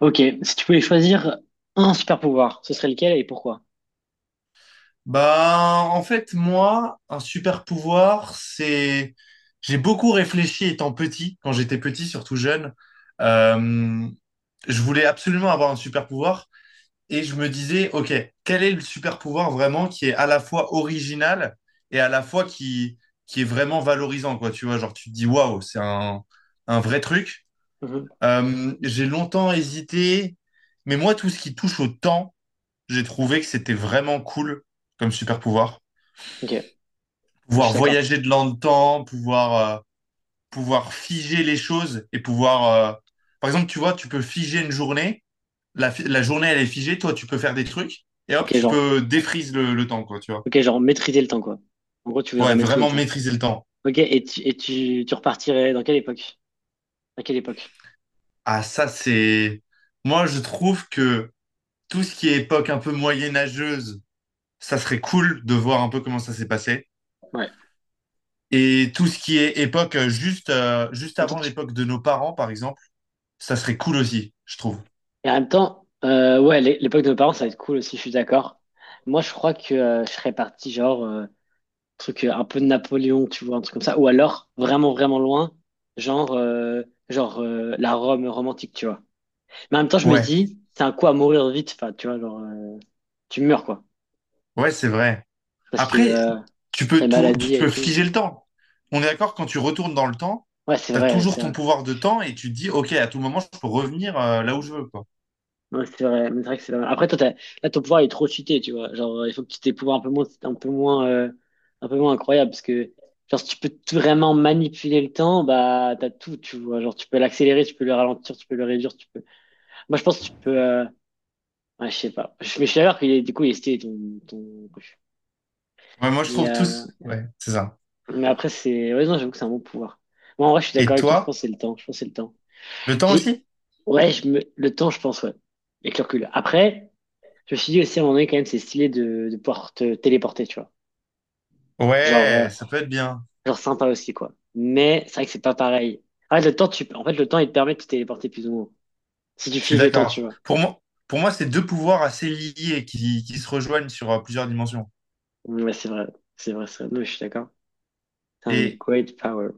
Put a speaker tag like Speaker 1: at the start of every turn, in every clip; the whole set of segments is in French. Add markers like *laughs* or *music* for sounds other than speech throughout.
Speaker 1: Ok, si tu pouvais choisir un super pouvoir, ce serait lequel et pourquoi?
Speaker 2: Bah, en fait, moi, un super pouvoir, c'est... J'ai beaucoup réfléchi étant petit, quand j'étais petit, surtout jeune. Euh, je voulais absolument avoir un super pouvoir et je me disais, OK, quel est le super pouvoir vraiment qui est à la fois original et à la fois qui est vraiment valorisant, quoi. Tu vois, genre, tu te dis, waouh, un vrai truc.
Speaker 1: Mhm.
Speaker 2: J'ai longtemps hésité, mais moi, tout ce qui touche au temps, j'ai trouvé que c'était vraiment cool comme super pouvoir,
Speaker 1: Ok, je
Speaker 2: pouvoir
Speaker 1: suis d'accord.
Speaker 2: voyager de dans le temps, pouvoir figer les choses et pouvoir... euh, Par exemple, tu vois, tu peux figer une journée, la journée elle est figée, toi tu peux faire des trucs et
Speaker 1: Ok,
Speaker 2: hop, tu
Speaker 1: genre,
Speaker 2: peux défrise le temps, quoi, tu vois.
Speaker 1: ok, genre maîtriser le temps, quoi. En gros, tu
Speaker 2: Ouais,
Speaker 1: voudrais maîtriser le
Speaker 2: vraiment
Speaker 1: temps.
Speaker 2: maîtriser le temps.
Speaker 1: Ok, et tu repartirais dans quelle époque? À quelle époque?
Speaker 2: Ah, ça c'est... Moi je trouve que tout ce qui est époque un peu moyenâgeuse, ça serait cool de voir un peu comment ça s'est passé.
Speaker 1: Ouais. En
Speaker 2: Et tout ce qui est époque juste
Speaker 1: même temps,
Speaker 2: avant
Speaker 1: tu-
Speaker 2: l'époque de nos parents, par exemple, ça serait cool aussi, je trouve.
Speaker 1: Et en même temps, ouais, l'époque de nos parents, ça va être cool aussi, je suis d'accord. Moi, je crois que je serais parti, genre, truc un peu de Napoléon, tu vois, un truc comme ça. Ou alors, vraiment, vraiment loin, genre, la Rome romantique, tu vois. Mais en même temps, je me
Speaker 2: Ouais,
Speaker 1: dis, c'est un coup à mourir vite. Enfin, tu vois, genre, tu meurs, quoi.
Speaker 2: ouais, c'est vrai.
Speaker 1: Parce que
Speaker 2: Après,
Speaker 1: t'as une
Speaker 2: tu
Speaker 1: maladie et
Speaker 2: peux
Speaker 1: tout.
Speaker 2: figer le temps. On est d'accord, quand tu retournes dans le temps,
Speaker 1: Ouais, c'est
Speaker 2: tu as
Speaker 1: vrai,
Speaker 2: toujours
Speaker 1: c'est
Speaker 2: ton
Speaker 1: vrai.
Speaker 2: pouvoir de temps et tu te dis, OK, à tout moment, je peux revenir là où je veux, quoi.
Speaker 1: Ouais, c'est vrai. Mais c'est vrai que c'est pas mal. Après, toi, là, ton pouvoir il est trop cheaté, tu vois. Genre, il faut que tu aies des pouvoirs un peu moins, un peu moins, un peu moins incroyables. Parce que, genre, si tu peux tout vraiment manipuler le temps, bah, t'as tout, tu vois. Genre, tu peux l'accélérer, tu peux le ralentir, tu peux le réduire, tu peux. Moi, je pense que tu peux. Ouais, je sais pas. Mais je suis d'accord qu'il est, du coup, il est stylé, ton, ton...
Speaker 2: Ouais, moi, je
Speaker 1: Mais,
Speaker 2: trouve tous. Ouais, c'est ça.
Speaker 1: mais après, c'est. Ouais, non, j'avoue que c'est un bon pouvoir. Moi, en vrai, je suis d'accord
Speaker 2: Et
Speaker 1: avec toi, je pense
Speaker 2: toi,
Speaker 1: que c'est le temps. Je pense que c'est le temps.
Speaker 2: le temps
Speaker 1: J'ai.
Speaker 2: aussi?
Speaker 1: Ouais, je me... le temps, je pense, ouais. Avec le recul. Après, je me suis dit aussi, à un moment donné, quand même, c'est stylé de pouvoir te téléporter, tu vois. Genre, euh,
Speaker 2: Ouais, ça peut être bien.
Speaker 1: genre, sympa aussi, quoi. Mais c'est vrai que c'est pas pareil. En fait, le temps, il te permet de te téléporter plus ou moins. Si tu
Speaker 2: Je suis
Speaker 1: files le temps, tu
Speaker 2: d'accord.
Speaker 1: vois.
Speaker 2: Pour moi, c'est deux pouvoirs assez liés qui se rejoignent sur plusieurs dimensions.
Speaker 1: Ouais, c'est vrai. C'est vrai, c'est vrai. Non, je suis d'accord. C'est un
Speaker 2: Et,
Speaker 1: great power.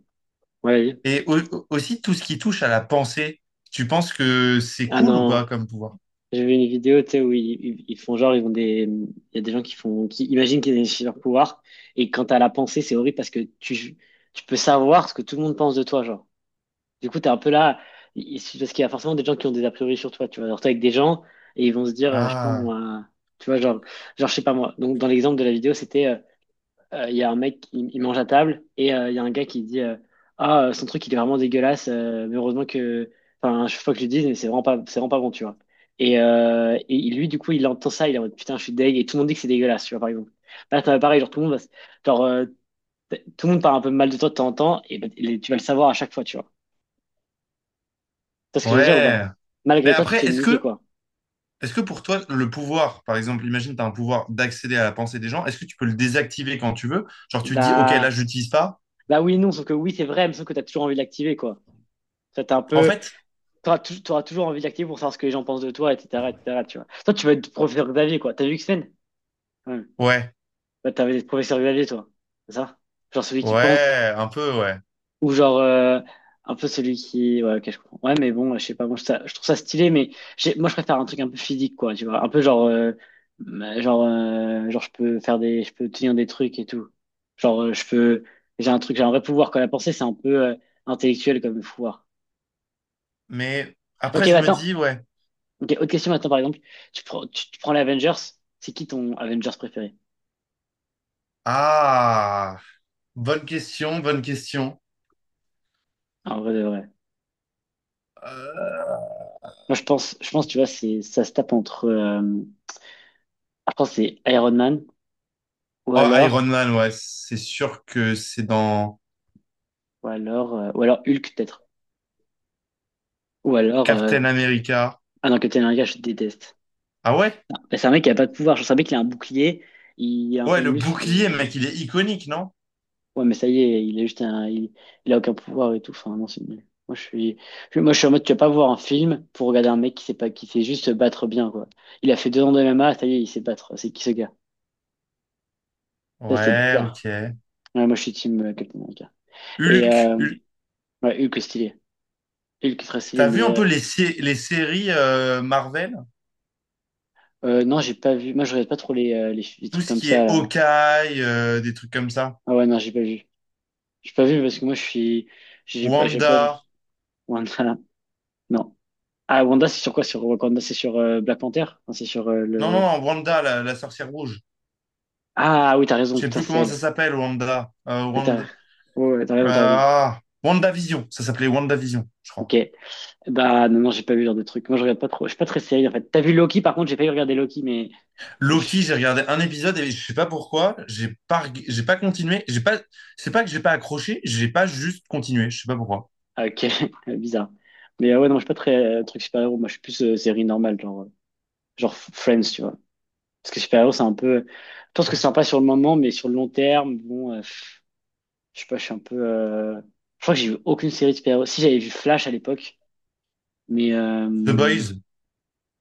Speaker 1: Ouais, vas-y.
Speaker 2: et aussi, tout ce qui touche à la pensée, tu penses que c'est
Speaker 1: Ah
Speaker 2: cool ou pas
Speaker 1: non.
Speaker 2: comme pouvoir?
Speaker 1: J'ai vu une vidéo, tu sais, où ils font genre, il y a des gens qui font, qui imaginent qu'ils ont des super pouvoirs, et quand t'as la pensée, c'est horrible parce que tu peux savoir ce que tout le monde pense de toi, genre. Du coup, t'es un peu là, parce qu'il y a forcément des gens qui ont des a priori sur toi, tu vois. Alors, t'es avec des gens, et ils vont se dire, je sais pas
Speaker 2: Ah,
Speaker 1: moi, tu vois, genre, je sais pas moi. Donc, dans l'exemple de la vidéo, c'était, il y a un mec qui il mange à table et il y a un gars qui dit ah, son truc, il est vraiment dégueulasse, mais heureusement que. Enfin, je faut que je le dise, mais c'est vraiment pas bon, tu vois. Et lui, du coup, il entend ça, il est en mode putain, je suis deg, et tout le monde dit que c'est dégueulasse, tu vois, par exemple. Là, pareil, genre, tout le monde va, s- genre, tout le monde parle un peu mal de toi de temps en temps, et, bah, et tu vas le savoir à chaque fois, tu vois. Tu vois ce que je veux dire ou
Speaker 2: ouais.
Speaker 1: pas?
Speaker 2: Mais
Speaker 1: Malgré toi, tu
Speaker 2: après,
Speaker 1: t'es niqué, quoi.
Speaker 2: est-ce que pour toi, le pouvoir, par exemple, imagine tu as un pouvoir d'accéder à la pensée des gens, est-ce que tu peux le désactiver quand tu veux? Genre tu te dis, ok,
Speaker 1: Bah,
Speaker 2: là, je l'utilise pas.
Speaker 1: bah, oui, et non, sauf que oui, c'est vrai, mais sauf que t'as toujours envie de l'activer, quoi. Ça, t'es un
Speaker 2: En
Speaker 1: peu.
Speaker 2: fait,
Speaker 1: T'auras toujours envie d'activer pour savoir ce que les gens pensent de toi, etc., etc., tu vois. Toi, tu vas être professeur Xavier, quoi. T'as vu X-Men? Ouais.
Speaker 2: ouais,
Speaker 1: Bah, t'avais des professeurs Xavier, toi. C'est ça? Genre celui qui pense,
Speaker 2: ouais, un peu, ouais.
Speaker 1: ou genre un peu celui qui... Ouais, ok, je comprends. Ouais, mais bon, je sais pas, moi, je trouve ça stylé, mais moi, je préfère un truc un peu physique, quoi, tu vois. Un peu genre, je peux faire des... Je peux tenir des trucs et tout. Genre, je peux... J'ai un vrai pouvoir, quand la pensée, c'est un peu intellectuel comme pouvoir.
Speaker 2: Mais
Speaker 1: Ok,
Speaker 2: après, je
Speaker 1: bah,
Speaker 2: me
Speaker 1: attends.
Speaker 2: dis, ouais,
Speaker 1: Ok, autre question maintenant, par exemple. Tu prends les Avengers. C'est qui ton Avengers préféré?
Speaker 2: ah, bonne question, bonne question.
Speaker 1: En vrai de vrai.
Speaker 2: Euh,
Speaker 1: Moi, je pense, tu vois, ça se tape entre, que c'est Iron Man, ou
Speaker 2: Oh,
Speaker 1: alors,
Speaker 2: Iron Man, ouais, c'est sûr que c'est dans
Speaker 1: ou alors Hulk, peut-être. Ou alors, euh,
Speaker 2: Captain America.
Speaker 1: ah non, Captain America, je déteste.
Speaker 2: Ah ouais?
Speaker 1: Bah, c'est un mec qui a pas de pouvoir. Je sais, un mec qui a un bouclier, il a un peu
Speaker 2: Ouais,
Speaker 1: de
Speaker 2: le
Speaker 1: muscle,
Speaker 2: bouclier,
Speaker 1: et
Speaker 2: mec, il est iconique, non?
Speaker 1: ouais, mais ça y est, il est juste il a aucun pouvoir et tout. Enfin, non, c'est nul. Moi, je suis en mode, tu vas pas voir un film pour regarder un mec qui sait pas, qui sait juste se battre bien, quoi. Il a fait 2 ans de MMA, ça y est, il sait battre. C'est qui ce gars? Ça, c'est
Speaker 2: Ouais,
Speaker 1: bizarre.
Speaker 2: ok.
Speaker 1: Ouais, moi, je suis team Captain America. Et,
Speaker 2: Hulk,
Speaker 1: euh,
Speaker 2: Hulk.
Speaker 1: ouais, Hulk est stylé. Hulk est très stylé,
Speaker 2: T'as vu un peu les séries Marvel?
Speaker 1: non, j'ai pas vu. Moi, je regarde pas trop les
Speaker 2: Tout
Speaker 1: trucs
Speaker 2: ce
Speaker 1: comme
Speaker 2: qui
Speaker 1: ça,
Speaker 2: est
Speaker 1: là.
Speaker 2: Hawkeye, des trucs comme ça.
Speaker 1: Ah ouais, non, j'ai pas vu. J'ai pas vu parce que moi, je suis, j'ai
Speaker 2: Wanda.
Speaker 1: pas, genre, Wanda, non. Ah, Wanda, c'est sur quoi? Sur Wakanda, c'est sur Black Panther? Non, c'est sur
Speaker 2: Non, non,
Speaker 1: le,
Speaker 2: non, Wanda, la sorcière rouge.
Speaker 1: ah oui, t'as raison,
Speaker 2: Je sais
Speaker 1: putain,
Speaker 2: plus
Speaker 1: c'est
Speaker 2: comment ça
Speaker 1: elle.
Speaker 2: s'appelle, Wanda.
Speaker 1: Ouais, T'as
Speaker 2: Wanda.
Speaker 1: ouais, ouais, t'as
Speaker 2: euh,
Speaker 1: raison, t'as raison.
Speaker 2: Ah, WandaVision. Ça s'appelait WandaVision, je
Speaker 1: Ok.
Speaker 2: crois.
Speaker 1: Bah non, non, j'ai pas vu ce genre de truc. Moi, je regarde pas trop. Je suis pas très série, en fait. T'as vu Loki, par contre, j'ai failli regarder Loki, mais... je-
Speaker 2: Loki, j'ai regardé un épisode et je sais pas pourquoi. J'ai pas continué. J'ai pas, c'est pas que j'ai pas accroché. J'ai pas juste continué. Je sais pas pourquoi.
Speaker 1: ah, ok, *laughs* bizarre. Mais ouais, non, je suis pas très truc super-héros. Moi, je suis plus série normale, genre, genre Friends, tu vois. Parce que super-héros, c'est un peu... Je pense que c'est sympa sur le moment, mais sur le long terme, bon, pff, je sais pas, je suis un peu... je crois que j'ai vu aucune série de super-héros. Si, j'avais vu Flash à l'époque, mais...
Speaker 2: The Boys.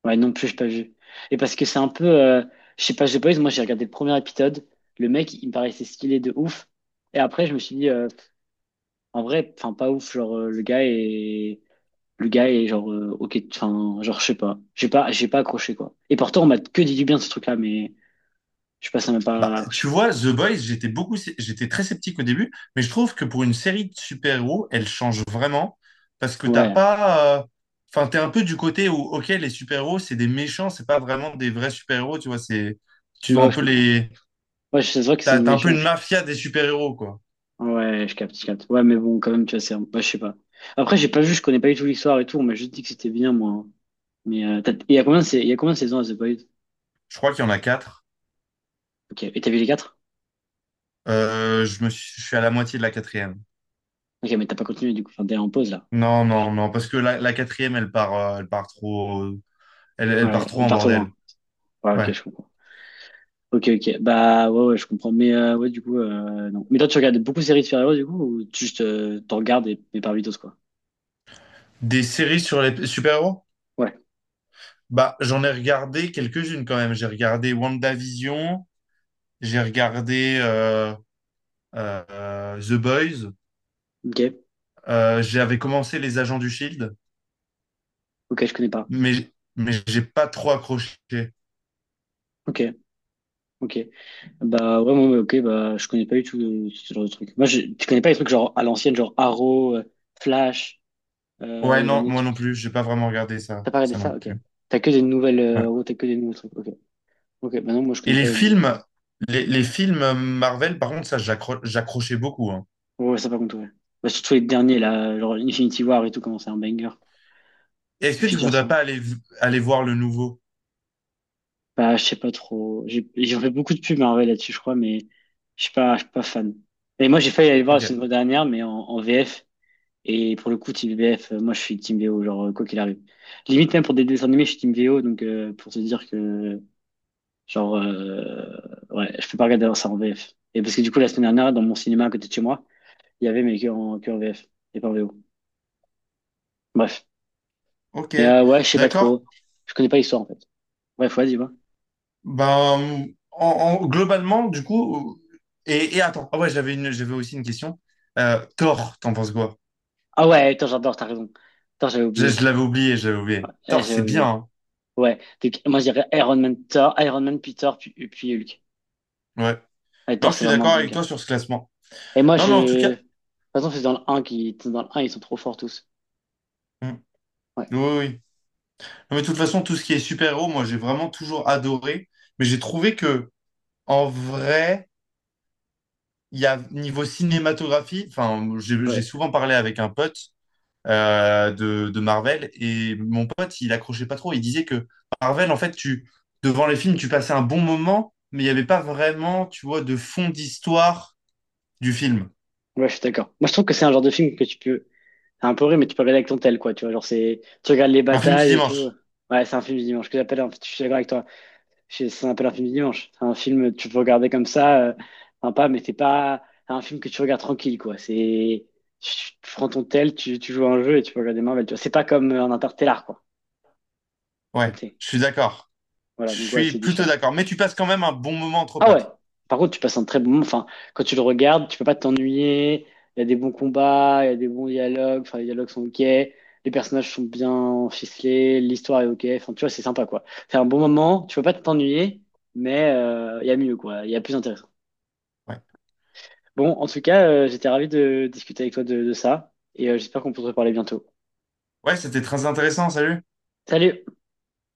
Speaker 1: Ouais, non plus, j'ai pas vu. Et parce que c'est un peu. Je sais pas, j'ai pas vu, moi j'ai regardé le premier épisode. Le mec, il me paraissait stylé de ouf. Et après, je me suis dit, en vrai, enfin, pas ouf. Genre, le gars est. Le gars est genre, ok, enfin, genre, je sais pas. J'ai pas accroché, quoi. Et pourtant, on m'a que dit du bien de ce truc-là, mais je sais pas, ça m'a
Speaker 2: Bah,
Speaker 1: pas accroché.
Speaker 2: tu vois, The Boys, j'étais très sceptique au début, mais je trouve que pour une série de super-héros, elle change vraiment parce que t'as
Speaker 1: Ouais,
Speaker 2: pas, enfin, t'es un peu du côté où, ok, les super-héros, c'est des méchants, c'est pas vraiment des vrais super-héros, tu vois, tu
Speaker 1: bah
Speaker 2: dois un
Speaker 1: ouais, je
Speaker 2: peu
Speaker 1: comprends. Ouais, je vrai qu'ils sont
Speaker 2: t'as,
Speaker 1: de
Speaker 2: t'as un peu
Speaker 1: méchants.
Speaker 2: une mafia des super-héros, quoi.
Speaker 1: Ouais, je capte, je capte. Ouais, mais bon, quand même, tu vois, ouais, je sais pas. Après, j'ai pas vu, je connais pas du tout l'histoire et tout. On m'a juste dit que c'était bien, moi, hein. Mais il y a il y a combien de saisons à The Boys?
Speaker 2: Je crois qu'il y en a quatre.
Speaker 1: Ok, et t'as vu les quatre?
Speaker 2: Je suis à la moitié de la quatrième.
Speaker 1: Ok, mais t'as pas continué du coup, enfin, t'es en pause là.
Speaker 2: Non, non, non, parce que la quatrième, elle part trop, elle part
Speaker 1: Ouais,
Speaker 2: trop
Speaker 1: elle
Speaker 2: en
Speaker 1: part trop loin.
Speaker 2: bordel.
Speaker 1: Ouais, ok,
Speaker 2: Ouais.
Speaker 1: je comprends. Ok, ok, bah ouais, ouais, je comprends. Mais ouais, du coup, non. Mais toi, tu regardes beaucoup de séries de super-héros du coup, ou tu juste t'en regardes et par vitos quoi?
Speaker 2: Des séries sur les super-héros?
Speaker 1: Ouais,
Speaker 2: Bah, j'en ai regardé quelques-unes quand même. J'ai regardé WandaVision, j'ai regardé The Boys,
Speaker 1: ok,
Speaker 2: j'avais commencé Les Agents du Shield,
Speaker 1: ok, je connais pas.
Speaker 2: mais mais j'ai pas trop accroché.
Speaker 1: Ok, ok. Bah ouais, moi, ouais, ok, bah je connais pas du tout ce genre de truc. Tu connais pas les trucs genre à l'ancienne, genre Arrow, Flash, il
Speaker 2: Ouais,
Speaker 1: y avait
Speaker 2: non,
Speaker 1: un autre
Speaker 2: moi non
Speaker 1: truc.
Speaker 2: plus, j'ai pas vraiment regardé ça,
Speaker 1: T'as pas regardé
Speaker 2: ça non
Speaker 1: ça? Ok.
Speaker 2: plus.
Speaker 1: T'as que des nouvelles,
Speaker 2: Ouais.
Speaker 1: en gros, t'as que des nouveaux trucs. Ok, ok, bah non, moi je
Speaker 2: Et
Speaker 1: connais
Speaker 2: les
Speaker 1: pas les.
Speaker 2: films, les films Marvel, par contre, j'accrochais beaucoup, hein.
Speaker 1: Ouais, ouais, ça par contre, ouais. Bah, surtout les derniers, là, genre Infinity War et tout, comment c'est un banger.
Speaker 2: Est-ce que tu
Speaker 1: Plusieurs, ça.
Speaker 2: voudrais pas aller voir le nouveau?
Speaker 1: Bah, je sais pas trop. J'ai fait beaucoup de pubs Marvel là-dessus, je crois, mais je suis pas fan. Et moi, j'ai failli aller le voir la
Speaker 2: Ok.
Speaker 1: semaine dernière, mais en VF. Et pour le coup, Team VF, moi, je suis Team VO, genre, quoi qu'il arrive. Limite, même pour des dessins animés, je suis Team VO, donc pour te dire que, genre, ouais, je peux pas regarder ça en VF. Et parce que du coup, la semaine dernière, dans mon cinéma à côté de chez moi, il y avait, mais que en VF, et pas en VO. Bref.
Speaker 2: Ok,
Speaker 1: Mais ouais, je sais pas
Speaker 2: d'accord.
Speaker 1: trop. Je connais pas l'histoire en fait. Bref, vas-y, va.
Speaker 2: Globalement, du coup, et attends, ah ouais, j'avais aussi une question. Thor, t'en penses quoi?
Speaker 1: Ah ouais, attends, j'adore, t'as raison. Attends, j'avais
Speaker 2: Je,
Speaker 1: oublié.
Speaker 2: je l'avais oublié, j'avais oublié.
Speaker 1: Eh,
Speaker 2: Thor,
Speaker 1: j'avais
Speaker 2: c'est bien,
Speaker 1: oublié.
Speaker 2: hein.
Speaker 1: Ouais. Donc, moi, je dirais Iron Man, Thor, Iron Man, puis Thor, puis Hulk.
Speaker 2: Ouais.
Speaker 1: Ouais,
Speaker 2: Non,
Speaker 1: Thor,
Speaker 2: je
Speaker 1: c'est
Speaker 2: suis
Speaker 1: vraiment un
Speaker 2: d'accord avec toi
Speaker 1: bunker.
Speaker 2: sur ce classement.
Speaker 1: Et moi,
Speaker 2: Non, mais en tout
Speaker 1: je.
Speaker 2: cas,
Speaker 1: De toute façon, c'est dans le un qui. Dans le un ils sont trop forts tous.
Speaker 2: hmm,
Speaker 1: Ouais.
Speaker 2: oui, oui, oui. Non, mais de toute façon, tout ce qui est super-héros, moi, j'ai vraiment toujours adoré. Mais j'ai trouvé que, en vrai, il y a niveau cinématographie, enfin, j'ai
Speaker 1: Ouais,
Speaker 2: souvent parlé avec un pote de Marvel. Et mon pote, il accrochait pas trop. Il disait que Marvel, en fait, devant les films, tu passais un bon moment, mais il n'y avait pas vraiment, tu vois, de fond d'histoire du film.
Speaker 1: ouais je suis d'accord. Moi, je trouve que c'est un genre de film que tu peux. C'est un peu vrai, mais tu peux regarder avec ton tel, quoi. Tu vois, genre, c'est. Tu regardes les
Speaker 2: Un film du
Speaker 1: batailles et tout.
Speaker 2: dimanche.
Speaker 1: Ouais, c'est un film du dimanche que j'appelle. En fait, je suis d'accord avec toi. C'est un peu l'infini dimanche. C'est un film, que tu peux regarder comme ça, sympa, mais c'est pas un film que tu regardes tranquille, quoi. Tu, tu, prends ton tel, tu joues à un jeu et tu peux regarder Marvel, tu vois. C'est pas comme un Interstellar, quoi. T'as
Speaker 2: Ouais,
Speaker 1: capté.
Speaker 2: je suis d'accord. Je
Speaker 1: Voilà, donc ouais,
Speaker 2: suis
Speaker 1: c'est
Speaker 2: plutôt
Speaker 1: différent.
Speaker 2: d'accord. Mais tu passes quand même un bon moment entre
Speaker 1: Ah ouais.
Speaker 2: potes.
Speaker 1: Par contre, tu passes un très bon moment. Enfin, quand tu le regardes, tu peux pas t'ennuyer. Il y a des bons combats, il y a des bons dialogues. Enfin, les dialogues sont ok. Les personnages sont bien ficelés, l'histoire est ok. Enfin, tu vois, c'est sympa, quoi. C'est un bon moment. Tu peux pas t'ennuyer, mais il y a mieux, quoi. Il y a plus intéressant.
Speaker 2: Ouais,
Speaker 1: Bon, en tout cas, j'étais ravi de discuter avec toi de ça et j'espère qu'on peut se reparler bientôt.
Speaker 2: ouais, c'était très intéressant. Salut.
Speaker 1: Salut!